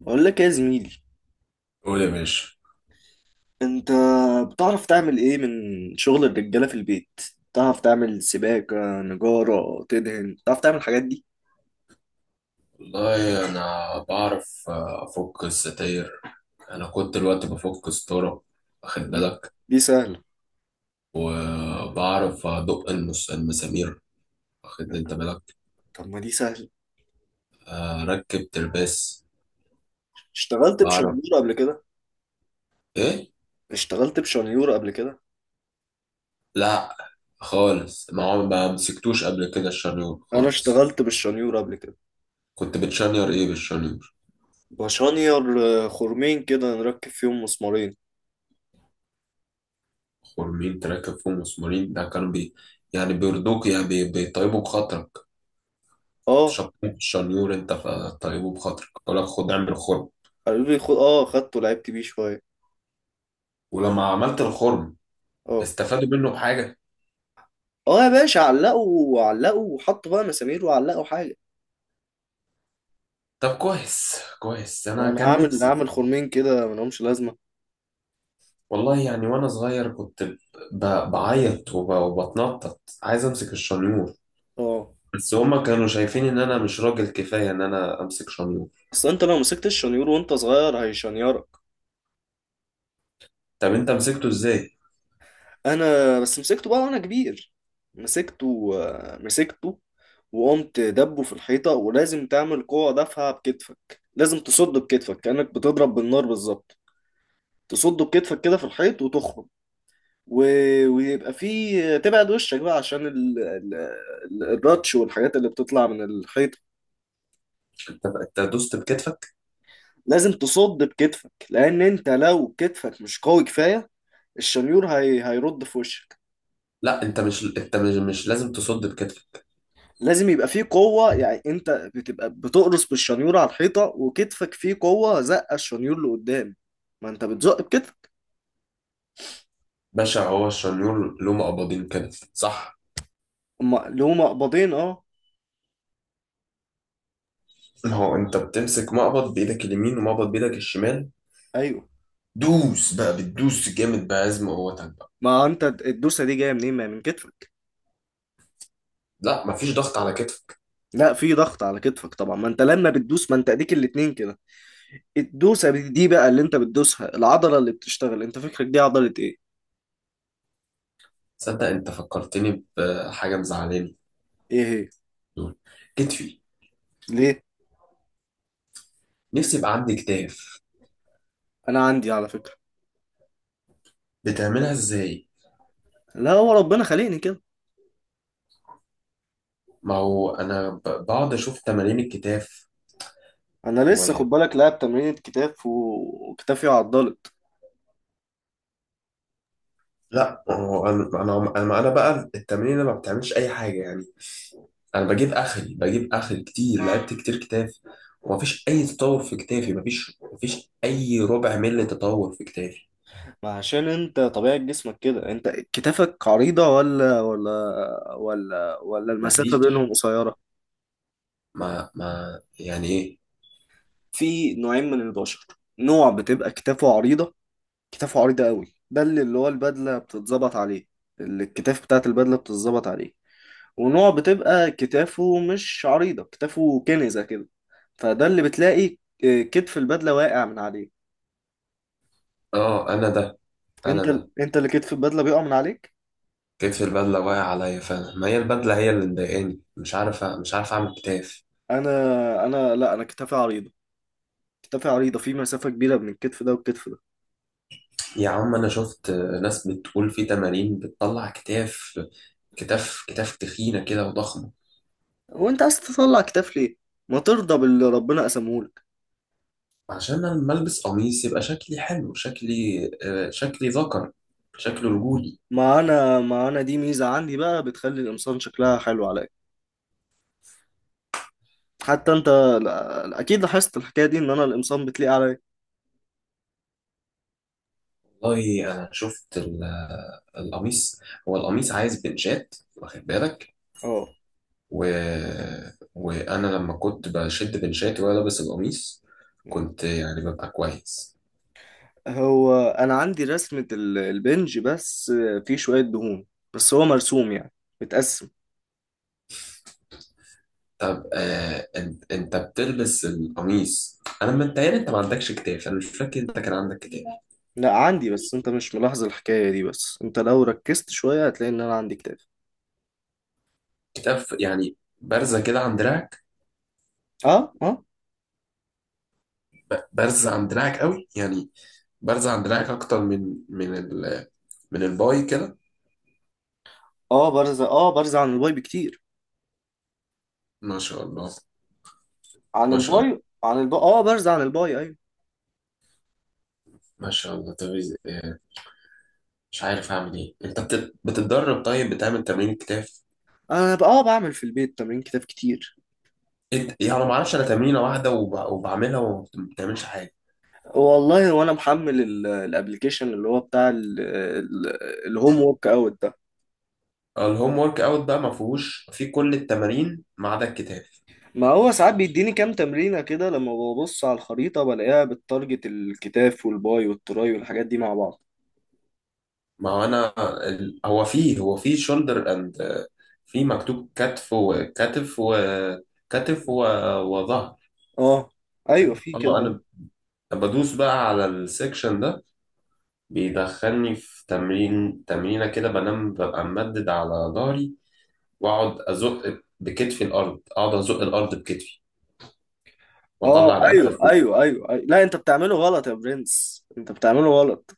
بقول لك إيه يا زميلي. قول يا باشا. انت بتعرف تعمل ايه من شغل الرجاله في البيت؟ بتعرف تعمل سباكه، نجاره، تدهن؟ بتعرف تعمل الحاجات دي؟ والله انا بعرف، افك الستاير. انا كنت الوقت بفك ستاره، واخد دي بالك؟ دي سهله. وبعرف ادق المسامير، واخد انت بالك؟ طب، ما دي سهله. اركب ترباس. اشتغلت بعرف بشنيور قبل كده؟ ايه؟ اشتغلت بشنيور قبل كده؟ لا، خالص، ما مسكتوش قبل كده الشنيور انا خالص. اشتغلت بالشنيور قبل كده. كنت بتشنير ايه بالشنيور؟ بشنير. خرمين كده نركب فيهم مسمارين. خرمين تركب فيهم مسمارين؟ ده كانوا يعني بيرضوك، يعني بيطيبوا بخاطرك. كنت اه، شطين في الشنيور انت فطيبه بخاطرك يقول لك خد اعمل خرم. قالوا لي خد. اه خدته، لعبت بيه شويه. ولما عملت الخرم اه، استفادوا منه بحاجة؟ اه، يا باشا، علقوا، علقوا، وحطوا بقى مسامير وعلقوا حاجه. طب كويس كويس، انا وانا كان هعمل نفسي. هعمل خرمين كده ملهمش لازمه. والله يعني وانا صغير كنت بعيط، وبتنطط عايز امسك الشنيور. اه. بس هما كانوا شايفين ان انا مش راجل كفاية ان انا امسك شنيور. اصل انت لو مسكت الشنيور وانت صغير هيشنيرك. طب انت مسكته ازاي؟ انا بس مسكته بقى وانا كبير. مسكته. وقمت دبه في الحيطة، ولازم تعمل قوة دافعة بكتفك. لازم تصده بكتفك كأنك بتضرب بالنار بالظبط. تصده بكتفك كده في الحيط وتخرج و... ويبقى فيه، تبعد وشك بقى عشان الراتش والحاجات اللي بتطلع من الحيط. انت دوست بكتفك؟ لازم تصد بكتفك، لأن انت لو كتفك مش قوي كفاية الشنيور هيرد في وشك. لا، انت مش انت مش, مش لازم تصد بكتفك. لازم يبقى فيه قوة، يعني انت بتبقى بتقرص بالشنيور على الحيطة، وكتفك فيه قوة زقة الشنيور لقدام. ما انت بتزق بكتفك. باشا، هو الشنيور له مقبضين كده صح؟ اما اللي هما قبضين، اه. ما هو انت بتمسك مقبض بايدك اليمين ومقبض بايدك الشمال، ايوه. دوس بقى، بتدوس جامد بعزم قوتك بقى. ما انت الدوسة دي جاية منين؟ ما هي من كتفك. لا، مفيش ضغط على كتفك. لا، في ضغط على كتفك طبعا. ما انت لما بتدوس، ما انت اديك الاتنين كده. الدوسة دي بقى اللي انت بتدوسها، العضلة اللي بتشتغل انت فكرك دي عضلة ايه؟ تصدق انت فكرتني بحاجه مزعلاني. ايه هي؟ كتفي. ليه؟ نفسي يبقى عندي كتاف. انا عندي، على فكرة. بتعملها ازاي؟ لا، هو ربنا خلقني كده. ما هو انا بقعد اشوف تمارين الكتاف انا لسه، و خد بالك، لاعب تمرينة كتاف و- وكتافي عضلت. لا. هو انا انا انا أنا بقى التمارين ما بتعملش اي حاجه يعني. انا بجيب اخري كتير، لعبت كتير كتاف، ومفيش اي تطور في كتافي، مفيش اي ربع ملي تطور في كتافي. ما عشان انت طبيعة جسمك كده. انت كتافك عريضة ولا المسافة مفيش. بينهم قصيرة؟ ما يعني ايه؟ في نوعين من البشر. نوع بتبقى كتافه عريضة. كتافه عريضة قوي، ده اللي هو البدلة بتتظبط عليه. اللي الكتاف بتاعت البدلة بتتظبط عليه. ونوع بتبقى كتافه مش عريضة، كتافه كنزة كده. فده اللي بتلاقي اه، كتف البدلة واقع من عليه. اه انا ده، انا انت ده. انت اللي كتف البدلة بيقع من عليك. كتف البدله واقع عليا فعلا، ما هي البدله هي اللي مضايقاني، مش عارف اعمل كتاف. انا انا لا انا كتافي عريضة. كتافي عريضة، في مسافة كبيرة بين الكتف ده والكتف ده. يا عم انا شفت ناس بتقول في تمارين بتطلع كتاف، كتاف كتاف تخينه كده وضخمه. وانت عايز تطلع كتاف ليه؟ ما ترضى باللي ربنا قسمهولك. عشان انا لما البس قميص يبقى شكلي حلو، شكلي، شكلي ذكر، شكله رجولي. معانا، دي ميزة عندي بقى بتخلي القمصان شكلها حلو عليا. حتى انت، اكيد لاحظت الحكاية دي ان انا القمصان بتليق عليا. والله انا شفت القميص. هو القميص عايز بنشات، واخد بالك؟ اه. و... وانا لما كنت بشد بنشاتي وانا لابس القميص كنت يعني ببقى كويس. هو انا عندي رسمة البنج بس. في شوية دهون. بس هو مرسوم يعني. متقسم. طب انت بتلبس القميص، انا متهيألي انت ما عندكش كتاف، انا مش فاكر انت كان عندك كتاف. لا، عندي، بس انت مش ملاحظ الحكاية دي. بس انت لو ركزت شوية هتلاقي ان انا عندي كتاف. كتاف يعني بارزه كده عن دراعك؟ اه، اه. بارزه عن دراعك قوي يعني. بارزه عن دراعك اكتر من من الباي كده. اه، برزة. اه برزة عن الواي بكتير. ما شاء الله، عن ما شاء الله، البايو عن البايو اه برزع عن البايو. ايوه. ما شاء الله. طب، مش عارف اعمل ايه. انت بتتدرب؟ طيب بتعمل تمرين الكتاف؟ انا بقى، بعمل في البيت تمرين كتاب كتير. انت يعني ما اعرفش، انا تمرينه واحده وبعملها وما بتعملش حاجه. والله وانا محمل الابليكيشن اللي هو بتاع الهوم ورك اوت ده. الهوم ورك اوت بقى ما فيهوش في كل التمارين ما عدا الكتاف. ما هو ساعات بيديني كام تمرينه كده، لما ببص على الخريطه بلاقيها بالتارجت الكتاف والباي والتراي والحاجات دي مع بعض. ما هو انا هو فيه شولدر اند، في مكتوب كتف وكتف وكتف وظهر. اه، ايوه، في اه، كده. انا بدوس بقى على السكشن ده، بيدخلني في تمرينه كده، بنام، ببقى ممدد على ظهري، واقعد ازق بكتفي الارض، اقعد ازق الارض بكتفي، اه، واطلع رقبتي ايوه، لفوق. ايوه، ايوه، أيوة. لا، انت بتعمله غلط يا برنس. انت بتعمله غلط.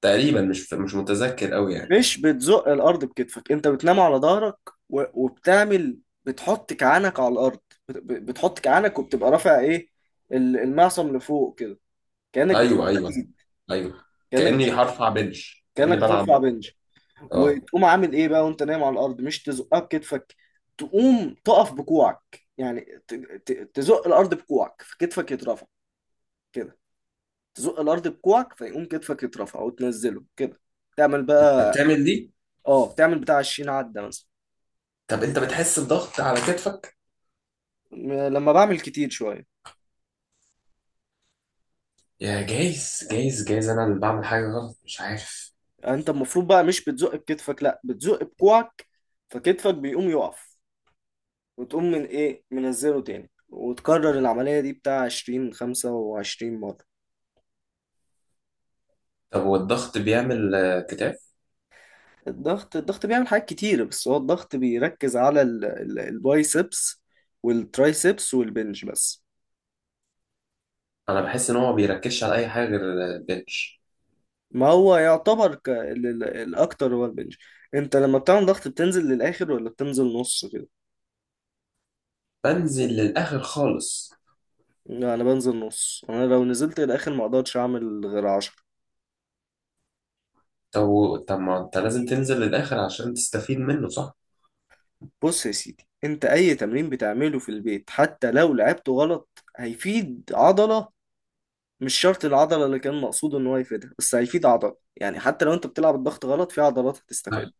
تقريبا مش متذكر قوي يعني. مش بتزق الارض بكتفك. انت بتنام على ظهرك و- وبتعمل، بتحط كعانك على الارض. بتحط كعانك وبتبقى رافع ايه، المعصم لفوق كده. كانك بتشيل ايوه، ايوه، حديد، ايوه. كانك كاني بتشيل هرفع بنش، كاني كانك هترفع بلعب. بنج. اه وتقوم عامل ايه بقى وانت نايم على الارض؟ مش تزقها بكتفك. تقوم تقف بكوعك يعني. تزق الارض بكوعك فكتفك يترفع. كده. تزق الارض بكوعك فيقوم كتفك يترفع وتنزله كده. تعمل انت بقى. بتعمل دي؟ اه، تعمل بتاع 20 عدة مثلا. طب انت بتحس بضغط على كتفك؟ لما بعمل كتير شوية. يا، جايز جايز جايز، انا اللي بعمل حاجه غلط مش عارف. يعني انت المفروض بقى مش بتزق بكتفك، لا بتزق بكوعك. فكتفك بيقوم يقف. وتقوم من ايه منزله تاني، وتكرر العملية دي بتاع 20، 25 مرة. طب هو الضغط بيعمل، كتاف؟ الضغط بيعمل حاجات كتير، بس هو الضغط بيركز على البايسبس والترايسبس والبنج بس. انا بحس ان هو ما بيركزش على اي حاجه غير البنش. ما هو يعتبر الأكتر هو البنج. انت لما بتعمل ضغط بتنزل للآخر ولا بتنزل نص كده؟ بنزل للاخر خالص. لا، انا بنزل نص. انا لو نزلت للاخر ما اقدرش اعمل غير 10. طب، ما انت لازم تنزل للاخر عشان تستفيد منه صح. بص يا سيدي، انت اي تمرين بتعمله في البيت حتى لو لعبته غلط هيفيد عضلة. مش شرط العضلة اللي كان مقصود ان هو يفيدها، بس هيفيد عضلة يعني. حتى لو انت بتلعب الضغط غلط في عضلات هتستفاد.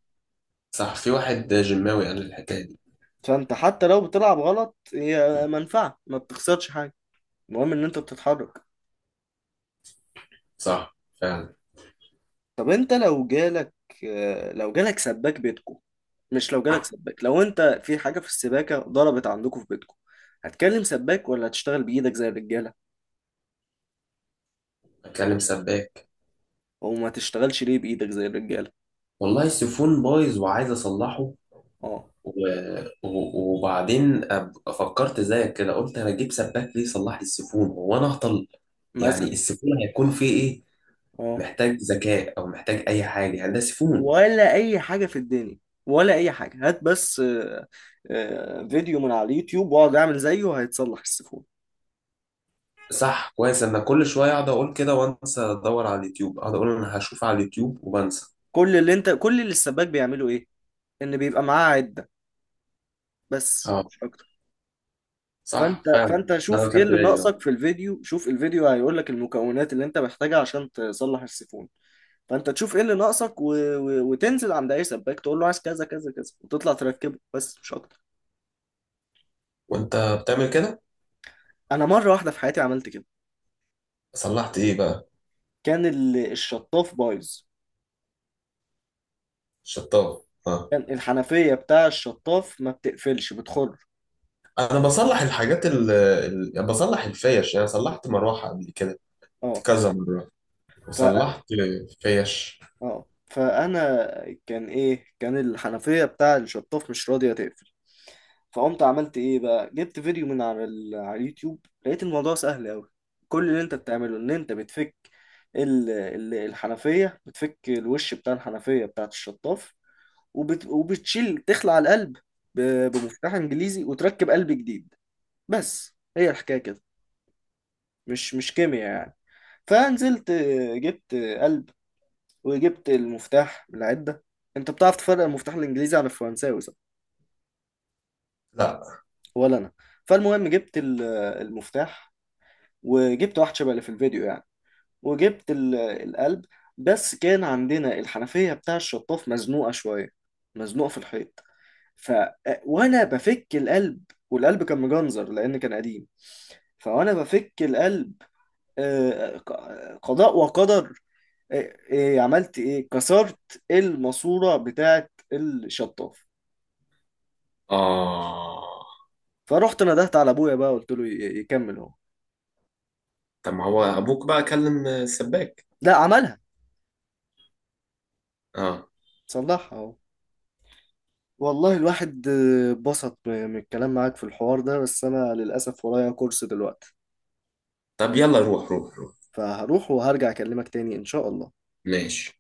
صح، في واحد جماوي قال الحكاية دي. فانت حتى لو بتلعب غلط هي منفعة، ما بتخسرش حاجة. المهم ان انت بتتحرك. صح فعلا. طب انت لو جالك، اه، لو جالك سباك بيتكو. مش لو جالك سباك، لو انت في حاجة في السباكة ضربت عندكم في بيتكو، هتكلم سباك ولا هتشتغل بإيدك زي الرجالة؟ بتكلم سباك. او ما تشتغلش ليه بإيدك زي الرجالة؟ والله السيفون بايظ وعايز اصلحه، اه. و... و... وبعدين فكرت زيك كده قلت انا اجيب سباك ليه يصلح لي السيفون، هو انا اهطل؟ يعني مثلا. السيفون هيكون فيه ايه؟ اه. محتاج ذكاء او محتاج اي حاجه؟ يعني ده سيفون. ولا اي حاجه في الدنيا. ولا اي حاجه. هات بس فيديو من على اليوتيوب واقعد اعمل زيه، هيتصلح السيفون. صح، كويس، انا كل شويه اقعد اقول كده وانسى، ادور على اليوتيوب اقعد اقول انا هشوف على اليوتيوب وبنسى. كل اللي السباك بيعمله ايه؟ ان بيبقى معاه عده، بس اه. مش اكتر. فانت صح فعلا. فانت ده شوف انا ايه خدت اللي بالي، اه. ناقصك في الفيديو. شوف الفيديو، هيقول لك المكونات اللي انت محتاجها عشان تصلح السيفون. فانت تشوف ايه اللي ناقصك وتنزل عند اي سباك تقول له عايز كذا كذا كذا، وتطلع تركبه بس مش اكتر. وانت بتعمل كده؟ انا مره واحده في حياتي عملت كده. صلحت ايه بقى؟ كان الشطاف بايظ. شطاف، اه. كان الحنفية بتاع الشطاف ما بتقفلش، بتخر. انا بصلح الحاجات يعني بصلح الفيش، يعني صلحت مروحه قبل كده اه. كذا مره، ف وصلحت فيش. اه فانا كان ايه؟ كان الحنفية بتاع الشطاف مش راضية تقفل. فقمت عملت ايه بقى؟ جبت فيديو من على اليوتيوب، لقيت الموضوع سهل قوي. كل اللي انت بتعمله ان انت بتفك الحنفية، بتفك الوش بتاع الحنفية بتاعت الشطاف. وبتشيل، تخلع القلب ب... بمفتاح انجليزي، وتركب قلب جديد. بس هي الحكاية كده. مش كيمياء يعني. فنزلت، جبت قلب. وجبت المفتاح من العدة. انت بتعرف تفرق المفتاح الانجليزي عن الفرنساوي، صح؟ لا، ولا انا. فالمهم جبت المفتاح. وجبت واحد شبه اللي في الفيديو يعني. وجبت القلب. بس كان عندنا الحنفية بتاع الشطاف مزنوقة شوية، مزنوقة في الحيط. ف آه، وانا بفك القلب، والقلب كان مجنزر لان كان قديم. فوانا بفك القلب، قضاء وقدر. إيه، إيه عملت، ايه كسرت الماسوره بتاعه الشطاف. آه. فرحت ندهت على ابويا بقى، قلت له يكمل اهو. طب ما هو أبوك بقى كلم السباك. لا، عملها. آه. صلحها اهو. والله الواحد اتبسط من الكلام معاك في الحوار ده، بس انا للاسف ورايا كورس دلوقتي. طب يلا، روح روح روح. فهروح وهرجع اكلمك تاني ان شاء الله. ماشي.